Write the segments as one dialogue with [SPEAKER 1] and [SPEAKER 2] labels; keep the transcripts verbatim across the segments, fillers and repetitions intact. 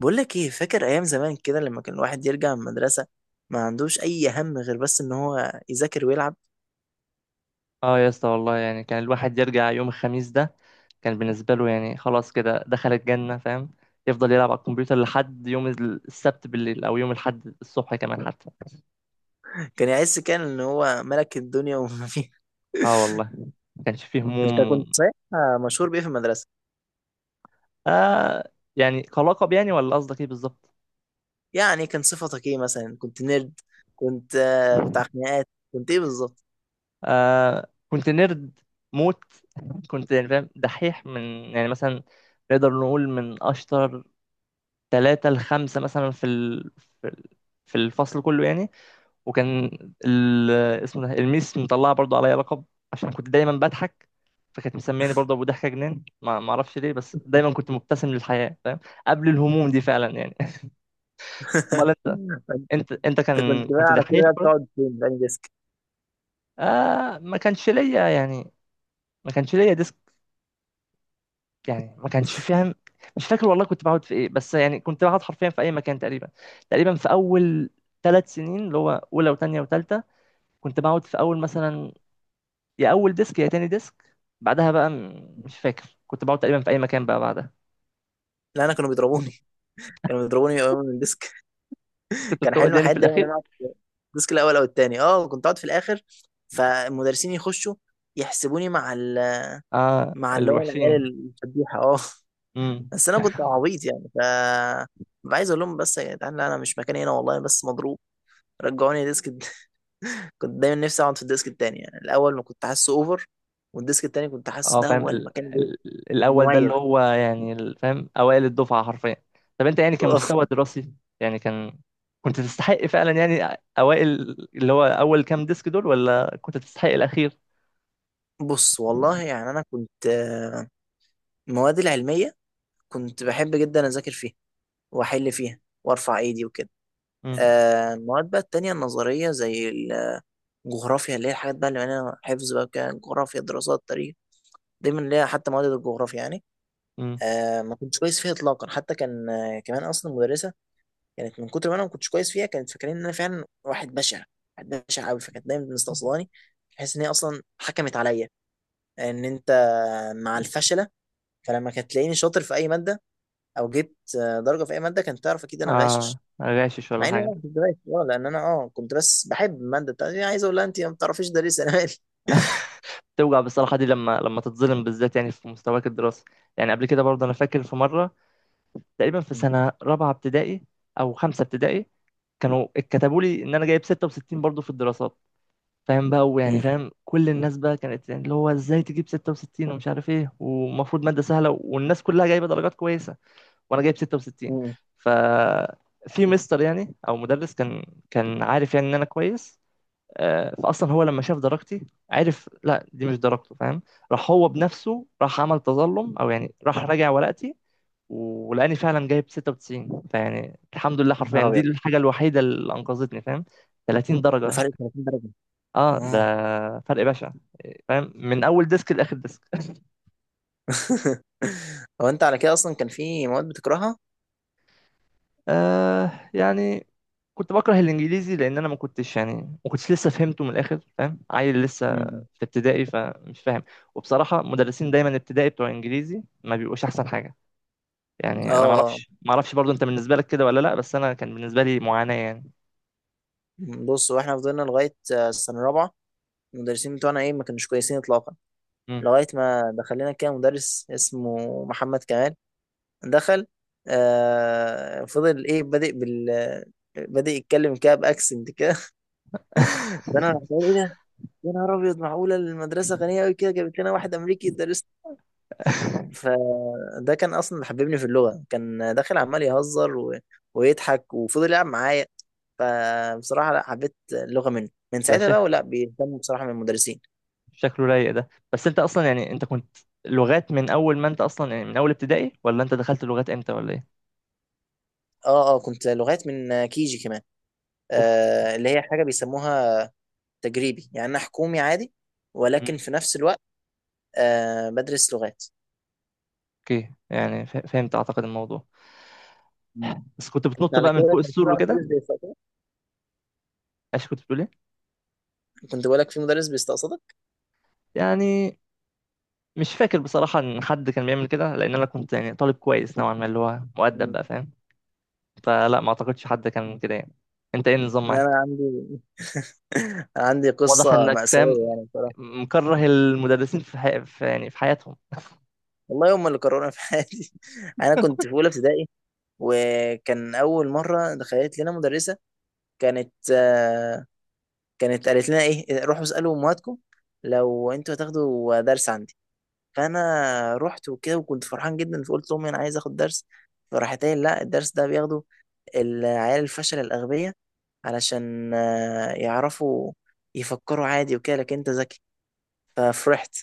[SPEAKER 1] بقول لك ايه، فاكر ايام زمان كده لما كان الواحد يرجع من المدرسه ما عندوش اي هم غير بس ان هو يذاكر ويلعب.
[SPEAKER 2] اه يا اسطى والله يعني كان الواحد يرجع يوم الخميس ده كان بالنسبة له يعني خلاص كده دخل الجنة فاهم. يفضل يلعب على الكمبيوتر لحد يوم السبت بالليل أو يوم الأحد الصبح كمان حتى.
[SPEAKER 1] كان يحس كان ان هو ملك الدنيا وما فيها.
[SPEAKER 2] اه والله ما كانش فيه
[SPEAKER 1] انت
[SPEAKER 2] هموم و...
[SPEAKER 1] كنت صحيح مشهور بايه في المدرسه؟
[SPEAKER 2] آه يعني كلقب يعني، ولا قصدك ايه بالظبط؟
[SPEAKER 1] يعني كان صفتك ايه، مثلا كنت نيرد، كنت آه، بتاع خناقات، كنت ايه بالظبط؟
[SPEAKER 2] آه كنت نيرد موت. كنت يعني فاهم دحيح من يعني مثلا، نقدر نقول من أشطر ثلاثة لخمسة مثلا في ال... في ال- في الفصل كله يعني. وكان ال... اسمه ده الميس مطلعه برضو عليا لقب عشان كنت دايما بضحك، فكانت مسمياني برضو ابو ضحكه جنان. ما ما اعرفش ليه، بس دايما كنت مبتسم للحياه فاهم، قبل الهموم دي فعلا يعني. امال انت، انت انت
[SPEAKER 1] انت كنت
[SPEAKER 2] كان
[SPEAKER 1] بقى
[SPEAKER 2] كنت
[SPEAKER 1] على كده
[SPEAKER 2] دحيح
[SPEAKER 1] بقى
[SPEAKER 2] برضو؟
[SPEAKER 1] بتقعد فين في أنهي ديسك؟
[SPEAKER 2] آه ما كانش ليا يعني، ما كانش ليا ديسك. يعني ما كانش فاهم. مش فاكر والله كنت بقعد في ايه، بس يعني كنت بقعد حرفيا في اي مكان تقريبا. تقريبا في اول ثلاث سنين اللي هو اولى وثانيه وثالثه كنت بقعد في اول مثلا، يا اول ديسك يا تاني ديسك. بعدها بقى م- مش فاكر كنت بقعد تقريبا في اي مكان بقى بعدها.
[SPEAKER 1] لا انا كانوا بيضربوني كانوا بيضربوني يقوموا من الديسك.
[SPEAKER 2] كنت
[SPEAKER 1] كان
[SPEAKER 2] بتقعد
[SPEAKER 1] حلم
[SPEAKER 2] يعني في
[SPEAKER 1] حياتي دايما ان انا
[SPEAKER 2] الاخير.
[SPEAKER 1] اقعد في الديسك الاول او التاني، اه كنت اقعد في الاخر. فالمدرسين يخشوا يحسبوني مع ال...
[SPEAKER 2] اه
[SPEAKER 1] مع اللي هو العيال،
[SPEAKER 2] الوحشين.
[SPEAKER 1] الفضيحه اه.
[SPEAKER 2] امم.
[SPEAKER 1] بس انا كنت عبيط، يعني ف ببقى عايز اقول لهم بس يا جدعان، لا انا مش مكاني هنا، والله أنا بس مضروب، رجعوني ديسك الد- كنت دايما نفسي اقعد في الديسك التاني، يعني الاول ما كنت حاسه اوفر، والديسك التاني كنت حاسه
[SPEAKER 2] اه
[SPEAKER 1] ده
[SPEAKER 2] فاهم
[SPEAKER 1] هو
[SPEAKER 2] ال...
[SPEAKER 1] المكان اللي-
[SPEAKER 2] ال... الاول ده
[SPEAKER 1] المميز.
[SPEAKER 2] اللي هو يعني ال- فاهم اوائل الدفعه حرفيا. طب انت يعني كمستوى دراسي، يعني كان كنت تستحق فعلا يعني اوائل، اللي هو اول كام ديسك دول، ولا كنت تستحق الاخير؟
[SPEAKER 1] بص والله يعني انا كنت، آه، المواد العلميه كنت بحب جدا اذاكر فيها واحل فيها وارفع ايدي وكده.
[SPEAKER 2] امم.
[SPEAKER 1] آه، المواد بقى التانية النظرية زي الجغرافيا، اللي هي الحاجات بقى اللي معناها حفظ بقى كده، جغرافيا دراسات تاريخ دايما ليها حتى مواد الجغرافيا يعني،
[SPEAKER 2] امم.
[SPEAKER 1] آه ما كنتش كويس فيها إطلاقا. حتى كان آه، كمان أصلا المدرسة كانت من كتر ما أنا ما كنتش كويس فيها، كانت فاكرين إن أنا فعلا واحد بشع، واحد بشع أوي، فكانت دايما مستقصداني بحيث إن هي أصلا حكمت عليا إن أنت مع الفشلة. فلما كانت تلاقيني شاطر في أي مادة أو جبت آه، درجة في أي مادة كانت تعرف أكيد أنا
[SPEAKER 2] اه
[SPEAKER 1] غاشش.
[SPEAKER 2] غاشش ولا
[SPEAKER 1] مع اني
[SPEAKER 2] حاجه.
[SPEAKER 1] ما كنت دارس، اه لان انا اه كنت بس بحب الماده بتاعتي، يعني عايز اقول لها انت ما بتعرفيش تدرسي، انا مالي.
[SPEAKER 2] توجع بصراحة دي لما لما تتظلم بالذات، يعني في مستواك الدراسي. يعني قبل كده برضه أنا فاكر في مرة تقريبا في
[SPEAKER 1] مم.
[SPEAKER 2] سنة رابعة ابتدائي أو خمسة ابتدائي، كانوا اتكتبوا لي إن أنا جايب ستة وستين برضه في الدراسات. فاهم بقى، ويعني
[SPEAKER 1] مم.
[SPEAKER 2] فاهم كل الناس بقى كانت يعني اللي هو إزاي تجيب ستة وستين ومش عارف إيه، ومفروض مادة سهلة والناس كلها جايبة درجات كويسة، وأنا جايب ستة وستين.
[SPEAKER 1] مم.
[SPEAKER 2] ف في مستر يعني أو مدرس، كان كان عارف يعني إن أنا كويس. آه، فأصلا هو لما شاف درجتي عرف لا دي مش درجته فاهم. راح هو بنفسه راح عمل تظلم، أو يعني راح راجع ورقتي، ولاني فعلا جايب ستة وتسعين. فيعني الحمد لله حرفيا
[SPEAKER 1] نهار
[SPEAKER 2] دي
[SPEAKER 1] ابيض.
[SPEAKER 2] الحاجه الوحيده اللي انقذتني فاهم. تلاتين
[SPEAKER 1] ده
[SPEAKER 2] درجه.
[SPEAKER 1] فرق 30 درجه.
[SPEAKER 2] اه ده
[SPEAKER 1] اه.
[SPEAKER 2] فرق بشع، فاهم، من اول ديسك لاخر ديسك.
[SPEAKER 1] هو انت على كده اصلا كان في مواد بتكرهها؟
[SPEAKER 2] آه يعني كنت بكره الانجليزي، لان انا ما كنتش يعني، ما كنتش لسه فهمته من الاخر، فاهم، عيل لسه
[SPEAKER 1] مم.
[SPEAKER 2] في ابتدائي، فمش فاهم. وبصراحه مدرسين دايما ابتدائي بتوع انجليزي ما بيبقوش احسن حاجه.
[SPEAKER 1] اه
[SPEAKER 2] يعني انا ما
[SPEAKER 1] اه.
[SPEAKER 2] اعرفش ما اعرفش برضو انت بالنسبه لك كده ولا لا، بس انا كان بالنسبه لي معاناه يعني.
[SPEAKER 1] بص، واحنا فضلنا لغايه، آه، السنه الرابعه المدرسين بتوعنا ايه، ما كانوش كويسين اطلاقا،
[SPEAKER 2] مم.
[SPEAKER 1] لغايه ما دخل لنا كده مدرس اسمه محمد كمال. دخل، آه فضل ايه بادئ بال آه، بادئ يتكلم كده باكسنت كده. فانا رحت قايل يا نهار ابيض، معقوله المدرسه غنيه قوي كده جابت لنا واحد امريكي يدرس. فده كان اصلا اللي حببني في اللغه، كان داخل عمال يهزر و... ويضحك وفضل يلعب معايا. فبصراحه لا، حبيت اللغه منه من
[SPEAKER 2] ده
[SPEAKER 1] ساعتها بقى،
[SPEAKER 2] شكل
[SPEAKER 1] ولا بيهتموا بصراحه من المدرسين.
[SPEAKER 2] شكله رايق ده. بس انت اصلا يعني، انت كنت لغات من اول، ما انت اصلا يعني من اول ابتدائي، ولا انت دخلت لغات امتى ولا ايه؟
[SPEAKER 1] اه اه كنت لغات من كيجي كمان،
[SPEAKER 2] اوف.
[SPEAKER 1] آه اللي هي حاجه بيسموها تجريبي، يعني انا حكومي عادي ولكن
[SPEAKER 2] مم.
[SPEAKER 1] في نفس الوقت آه بدرس لغات.
[SPEAKER 2] اوكي يعني ف- فهمت اعتقد الموضوع.
[SPEAKER 1] مم.
[SPEAKER 2] بس كنت
[SPEAKER 1] كنت
[SPEAKER 2] بتنط
[SPEAKER 1] على
[SPEAKER 2] بقى من
[SPEAKER 1] كده
[SPEAKER 2] فوق
[SPEAKER 1] كان في
[SPEAKER 2] السور
[SPEAKER 1] بقى
[SPEAKER 2] وكده،
[SPEAKER 1] مدرس بيستقصدك.
[SPEAKER 2] عشان كنت بتقول ايه؟
[SPEAKER 1] كنت بقول لك في مدرس بيستقصدك.
[SPEAKER 2] يعني مش فاكر بصراحة ان حد كان بيعمل كده، لان انا كنت يعني طالب كويس نوعا ما، اللي هو مؤدب
[SPEAKER 1] مم.
[SPEAKER 2] بقى فاهم. فلا ما اعتقدش حد كان كده يعني. انت ايه النظام
[SPEAKER 1] لا انا
[SPEAKER 2] معاك؟
[SPEAKER 1] عندي، عندي
[SPEAKER 2] واضح
[SPEAKER 1] قصة
[SPEAKER 2] انك فاهم
[SPEAKER 1] مأساوية يعني بصراحة.
[SPEAKER 2] مكره المدرسين في, حي... في يعني في حياتهم.
[SPEAKER 1] والله هم اللي كرهوني في حياتي. أنا كنت في أولى ابتدائي وكان أول مرة دخلت لنا مدرسة. كانت، آه، كانت قالت لنا إيه، روحوا اسألوا أمهاتكم لو أنتوا هتاخدوا درس عندي. فأنا رحت وكده وكنت فرحان جدا فقلت لأمي أنا عايز آخد درس. فراحت قايلة لا، الدرس ده بياخده العيال الفشل الأغبياء علشان آه، يعرفوا يفكروا عادي وكده، لكن أنت ذكي. ففرحت.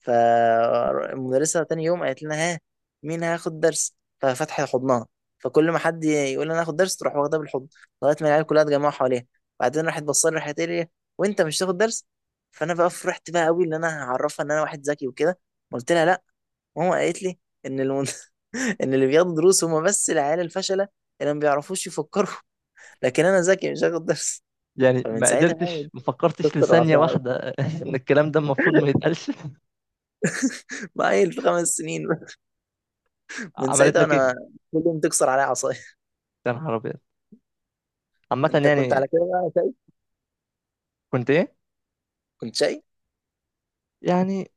[SPEAKER 1] فالمدرسة تاني يوم قالت لنا ها، مين هياخد درس؟ ففتحت حضنها فكل ما حد يقول انا هاخد درس تروح واخدها بالحضن لغاية ما العيال كلها اتجمعوا حواليها. بعدين راحت بصلي، راحت قالت لي وانت مش هتاخد درس؟ فانا بقى فرحت بقى قوي ان انا هعرفها ان انا واحد ذكي وكده. قلت لها لا، ماما قالت لي ان المد... ان اللي بياخدوا دروس هم بس العيال الفشلة اللي ما بيعرفوش يفكروا، لكن انا ذكي مش هاخد درس.
[SPEAKER 2] يعني
[SPEAKER 1] فمن
[SPEAKER 2] ما
[SPEAKER 1] ساعتها بقى
[SPEAKER 2] قدرتش ما فكرتش
[SPEAKER 1] كسر
[SPEAKER 2] لثانية
[SPEAKER 1] العصا عليا.
[SPEAKER 2] واحدة؟ إن الكلام ده المفروض ما يتقالش.
[SPEAKER 1] بقى في خمس سنين، من
[SPEAKER 2] عملت
[SPEAKER 1] ساعتها
[SPEAKER 2] لك إيه؟
[SPEAKER 1] انا كل يوم تكسر عليا عصايه.
[SPEAKER 2] يا نهار أبيض. عامة
[SPEAKER 1] انت كنت
[SPEAKER 2] يعني.
[SPEAKER 1] على كده بقى شاي؟
[SPEAKER 2] كنت إيه؟
[SPEAKER 1] كنت شاي.
[SPEAKER 2] يعني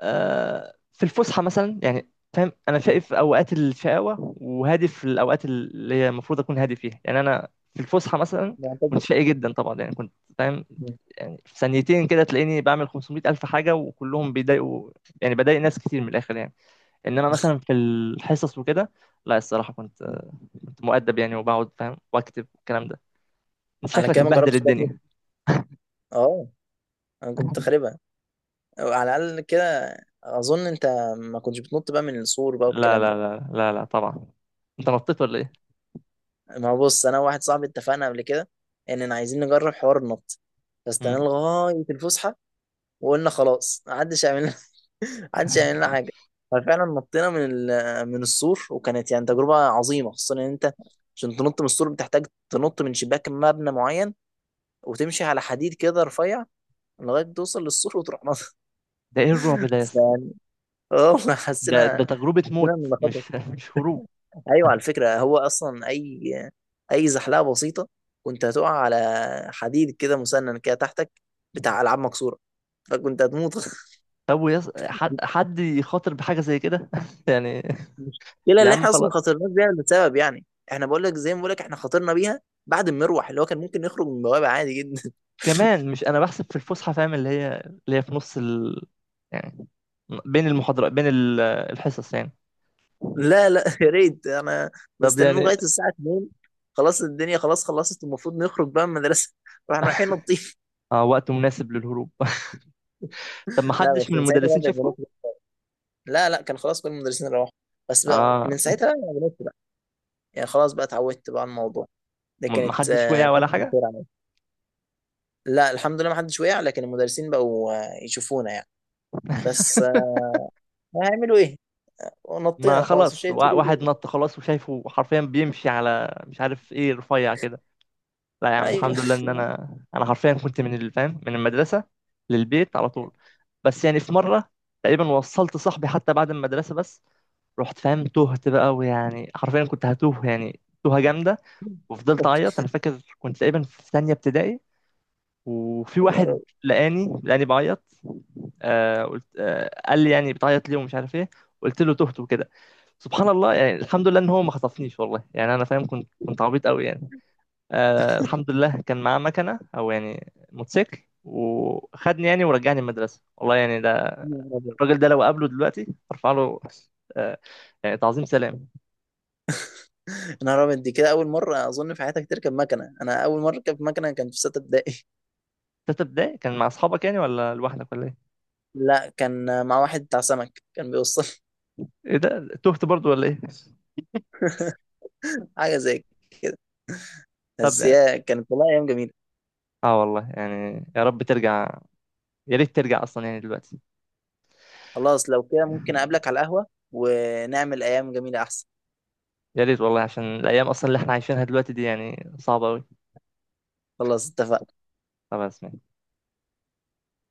[SPEAKER 2] آه في الفسحة مثلا، يعني فاهم، أنا
[SPEAKER 1] مم.
[SPEAKER 2] شايف أوقات الشقاوة وهادف الأوقات اللي هي المفروض أكون هادي فيها. يعني أنا في الفسحة مثلا كنت
[SPEAKER 1] معتدل.
[SPEAKER 2] شقي جدا طبعا، يعني كنت فاهم.
[SPEAKER 1] مم.
[SPEAKER 2] يعني في ثانيتين كده تلاقيني بعمل خمسميه ألف حاجة وكلهم بيضايقوا. يعني بضايق ناس كتير من الآخر يعني. إنما مثلا في الحصص وكده لا، الصراحة كنت
[SPEAKER 1] مم.
[SPEAKER 2] كنت مؤدب يعني، وبقعد فاهم واكتب والكلام ده. انت
[SPEAKER 1] على
[SPEAKER 2] شكلك
[SPEAKER 1] كده ما
[SPEAKER 2] مبهدل
[SPEAKER 1] جربتش بطنط.
[SPEAKER 2] الدنيا.
[SPEAKER 1] اه انا كنت خاربها، أو على الاقل كده اظن. انت ما كنتش بتنط بقى من السور بقى
[SPEAKER 2] لا
[SPEAKER 1] والكلام
[SPEAKER 2] لا
[SPEAKER 1] ده؟
[SPEAKER 2] لا لا لا طبعا. انت نطيت ولا ايه؟
[SPEAKER 1] ما هو بص، انا وواحد صاحبي اتفقنا قبل كده اننا عايزين نجرب حوار النط.
[SPEAKER 2] مم.
[SPEAKER 1] فاستنى لغايه الفسحه، وقلنا خلاص محدش يعمل، محدش يعمل لنا حاجه. ففعلا نطينا من ال- من السور، وكانت يعني تجربه عظيمه، خصوصا ان انت عشان تنط من السور بتحتاج تنط من شباك مبنى معين وتمشي على حديد كده رفيع لغايه توصل للسور وتروح نط.
[SPEAKER 2] ده ايه الرعب ده يا اسطى؟
[SPEAKER 1] يعني اه حسينا،
[SPEAKER 2] ده ده تجربة موت،
[SPEAKER 1] حسينا ان ده خطر.
[SPEAKER 2] مش مش هروب.
[SPEAKER 1] ايوه على فكره، هو اصلا اي اي زحلقه بسيطه كنت هتقع على حديد كده مسنن كده تحتك، بتاع العاب مكسوره، فكنت هتموت.
[SPEAKER 2] طب ويص... حد حد يخاطر بحاجة زي كده؟ يعني،
[SPEAKER 1] المشكله
[SPEAKER 2] يا
[SPEAKER 1] اللي
[SPEAKER 2] عم
[SPEAKER 1] احنا اصلا ما
[SPEAKER 2] خلاص.
[SPEAKER 1] خاطرناش بيها لسبب يعني، احنا بقول لك زي ما بقول لك احنا خاطرنا بيها بعد المروح، اللي هو كان ممكن نخرج من بوابه عادي جدا.
[SPEAKER 2] كمان مش انا بحسب في الفسحة، فاهم، اللي هي اللي هي في نص ال... يعني بين المحاضرات، بين ال- الحصص يعني.
[SPEAKER 1] لا لا، يا ريت، انا
[SPEAKER 2] طب
[SPEAKER 1] مستنيين
[SPEAKER 2] يعني،
[SPEAKER 1] لغايه الساعه الثانية خلاص، الدنيا خلاص خلصت، المفروض نخرج بقى من المدرسه واحنا رايحين نطيف.
[SPEAKER 2] اه، وقت مناسب للهروب. طب ما
[SPEAKER 1] لا،
[SPEAKER 2] حدش
[SPEAKER 1] بس
[SPEAKER 2] من
[SPEAKER 1] من ساعتها بقى
[SPEAKER 2] المدرسين
[SPEAKER 1] بقيت
[SPEAKER 2] شافكم؟
[SPEAKER 1] بنط بقى. لا لا، كان خلاص كل المدرسين روحوا. بس بقى
[SPEAKER 2] اه.
[SPEAKER 1] من ساعتها بقى بنط بقى. يعني خلاص بقى اتعودت بقى على الموضوع، ده
[SPEAKER 2] ما ما
[SPEAKER 1] كانت
[SPEAKER 2] حدش
[SPEAKER 1] آه،
[SPEAKER 2] وقع ولا
[SPEAKER 1] فتره
[SPEAKER 2] حاجة.
[SPEAKER 1] الخير عليا. لا الحمد لله، ما حدش وقع، لكن المدرسين بقوا آه، يشوفونا يعني، بس آه، هيعملوا ايه
[SPEAKER 2] ما
[SPEAKER 1] ونطينا خلاص،
[SPEAKER 2] خلاص
[SPEAKER 1] شيء
[SPEAKER 2] وا- واحد
[SPEAKER 1] جديد.
[SPEAKER 2] نط خلاص، وشايفه حرفيا بيمشي على مش عارف ايه رفيع كده. لا يا عم
[SPEAKER 1] ايوه.
[SPEAKER 2] الحمد لله ان انا، انا حرفيا كنت من الفام من المدرسه للبيت على طول. بس يعني في مره تقريبا، وصلت صاحبي حتى بعد المدرسه، بس رحت فاهم تهت بقى، ويعني حرفيا كنت هتوه، يعني توهه جامده. وفضلت اعيط. انا فاكر كنت تقريبا في ثانيه ابتدائي، وفي
[SPEAKER 1] يا نهار
[SPEAKER 2] واحد
[SPEAKER 1] أبيض.
[SPEAKER 2] لقاني لقاني بعيط. آه قلت آه قال لي يعني بتعيط ليه ومش عارف ايه. قلت له تهت وكده. سبحان الله يعني، الحمد لله ان هو ما خطفنيش والله. يعني انا فاهم كنت كنت عبيط قوي يعني. آه الحمد لله كان معاه مكنه او يعني موتوسيكل، وخدني يعني ورجعني المدرسه والله. يعني ده
[SPEAKER 1] يا نهار أبيض.
[SPEAKER 2] الراجل ده لو قابله دلوقتي ارفع له آه يعني تعظيم سلام.
[SPEAKER 1] يا نهار أبيض، دي كده أول مرة أظن في حياتك تركب مكنة. أنا أول مرة أركب مكنة كان في ستة ابتدائي.
[SPEAKER 2] تالتة ابتدائي كان مع اصحابك يعني، ولا لوحدك ولا ايه؟
[SPEAKER 1] لا، كان مع واحد بتاع سمك كان بيوصل.
[SPEAKER 2] ايه ده تهت برضو ولا ايه؟
[SPEAKER 1] حاجة زي كده.
[SPEAKER 2] طب.
[SPEAKER 1] بس هي كانت والله أيام جميلة.
[SPEAKER 2] اه والله يعني يا رب ترجع. يا ريت ترجع اصلا يعني دلوقتي.
[SPEAKER 1] خلاص، لو كده ممكن أقابلك على القهوة ونعمل أيام جميلة أحسن.
[SPEAKER 2] يا ريت والله، عشان الايام اصلا اللي احنا عايشينها دلوقتي دي يعني صعبه قوي.
[SPEAKER 1] خلاص اتفقنا.
[SPEAKER 2] خلاص ماشي.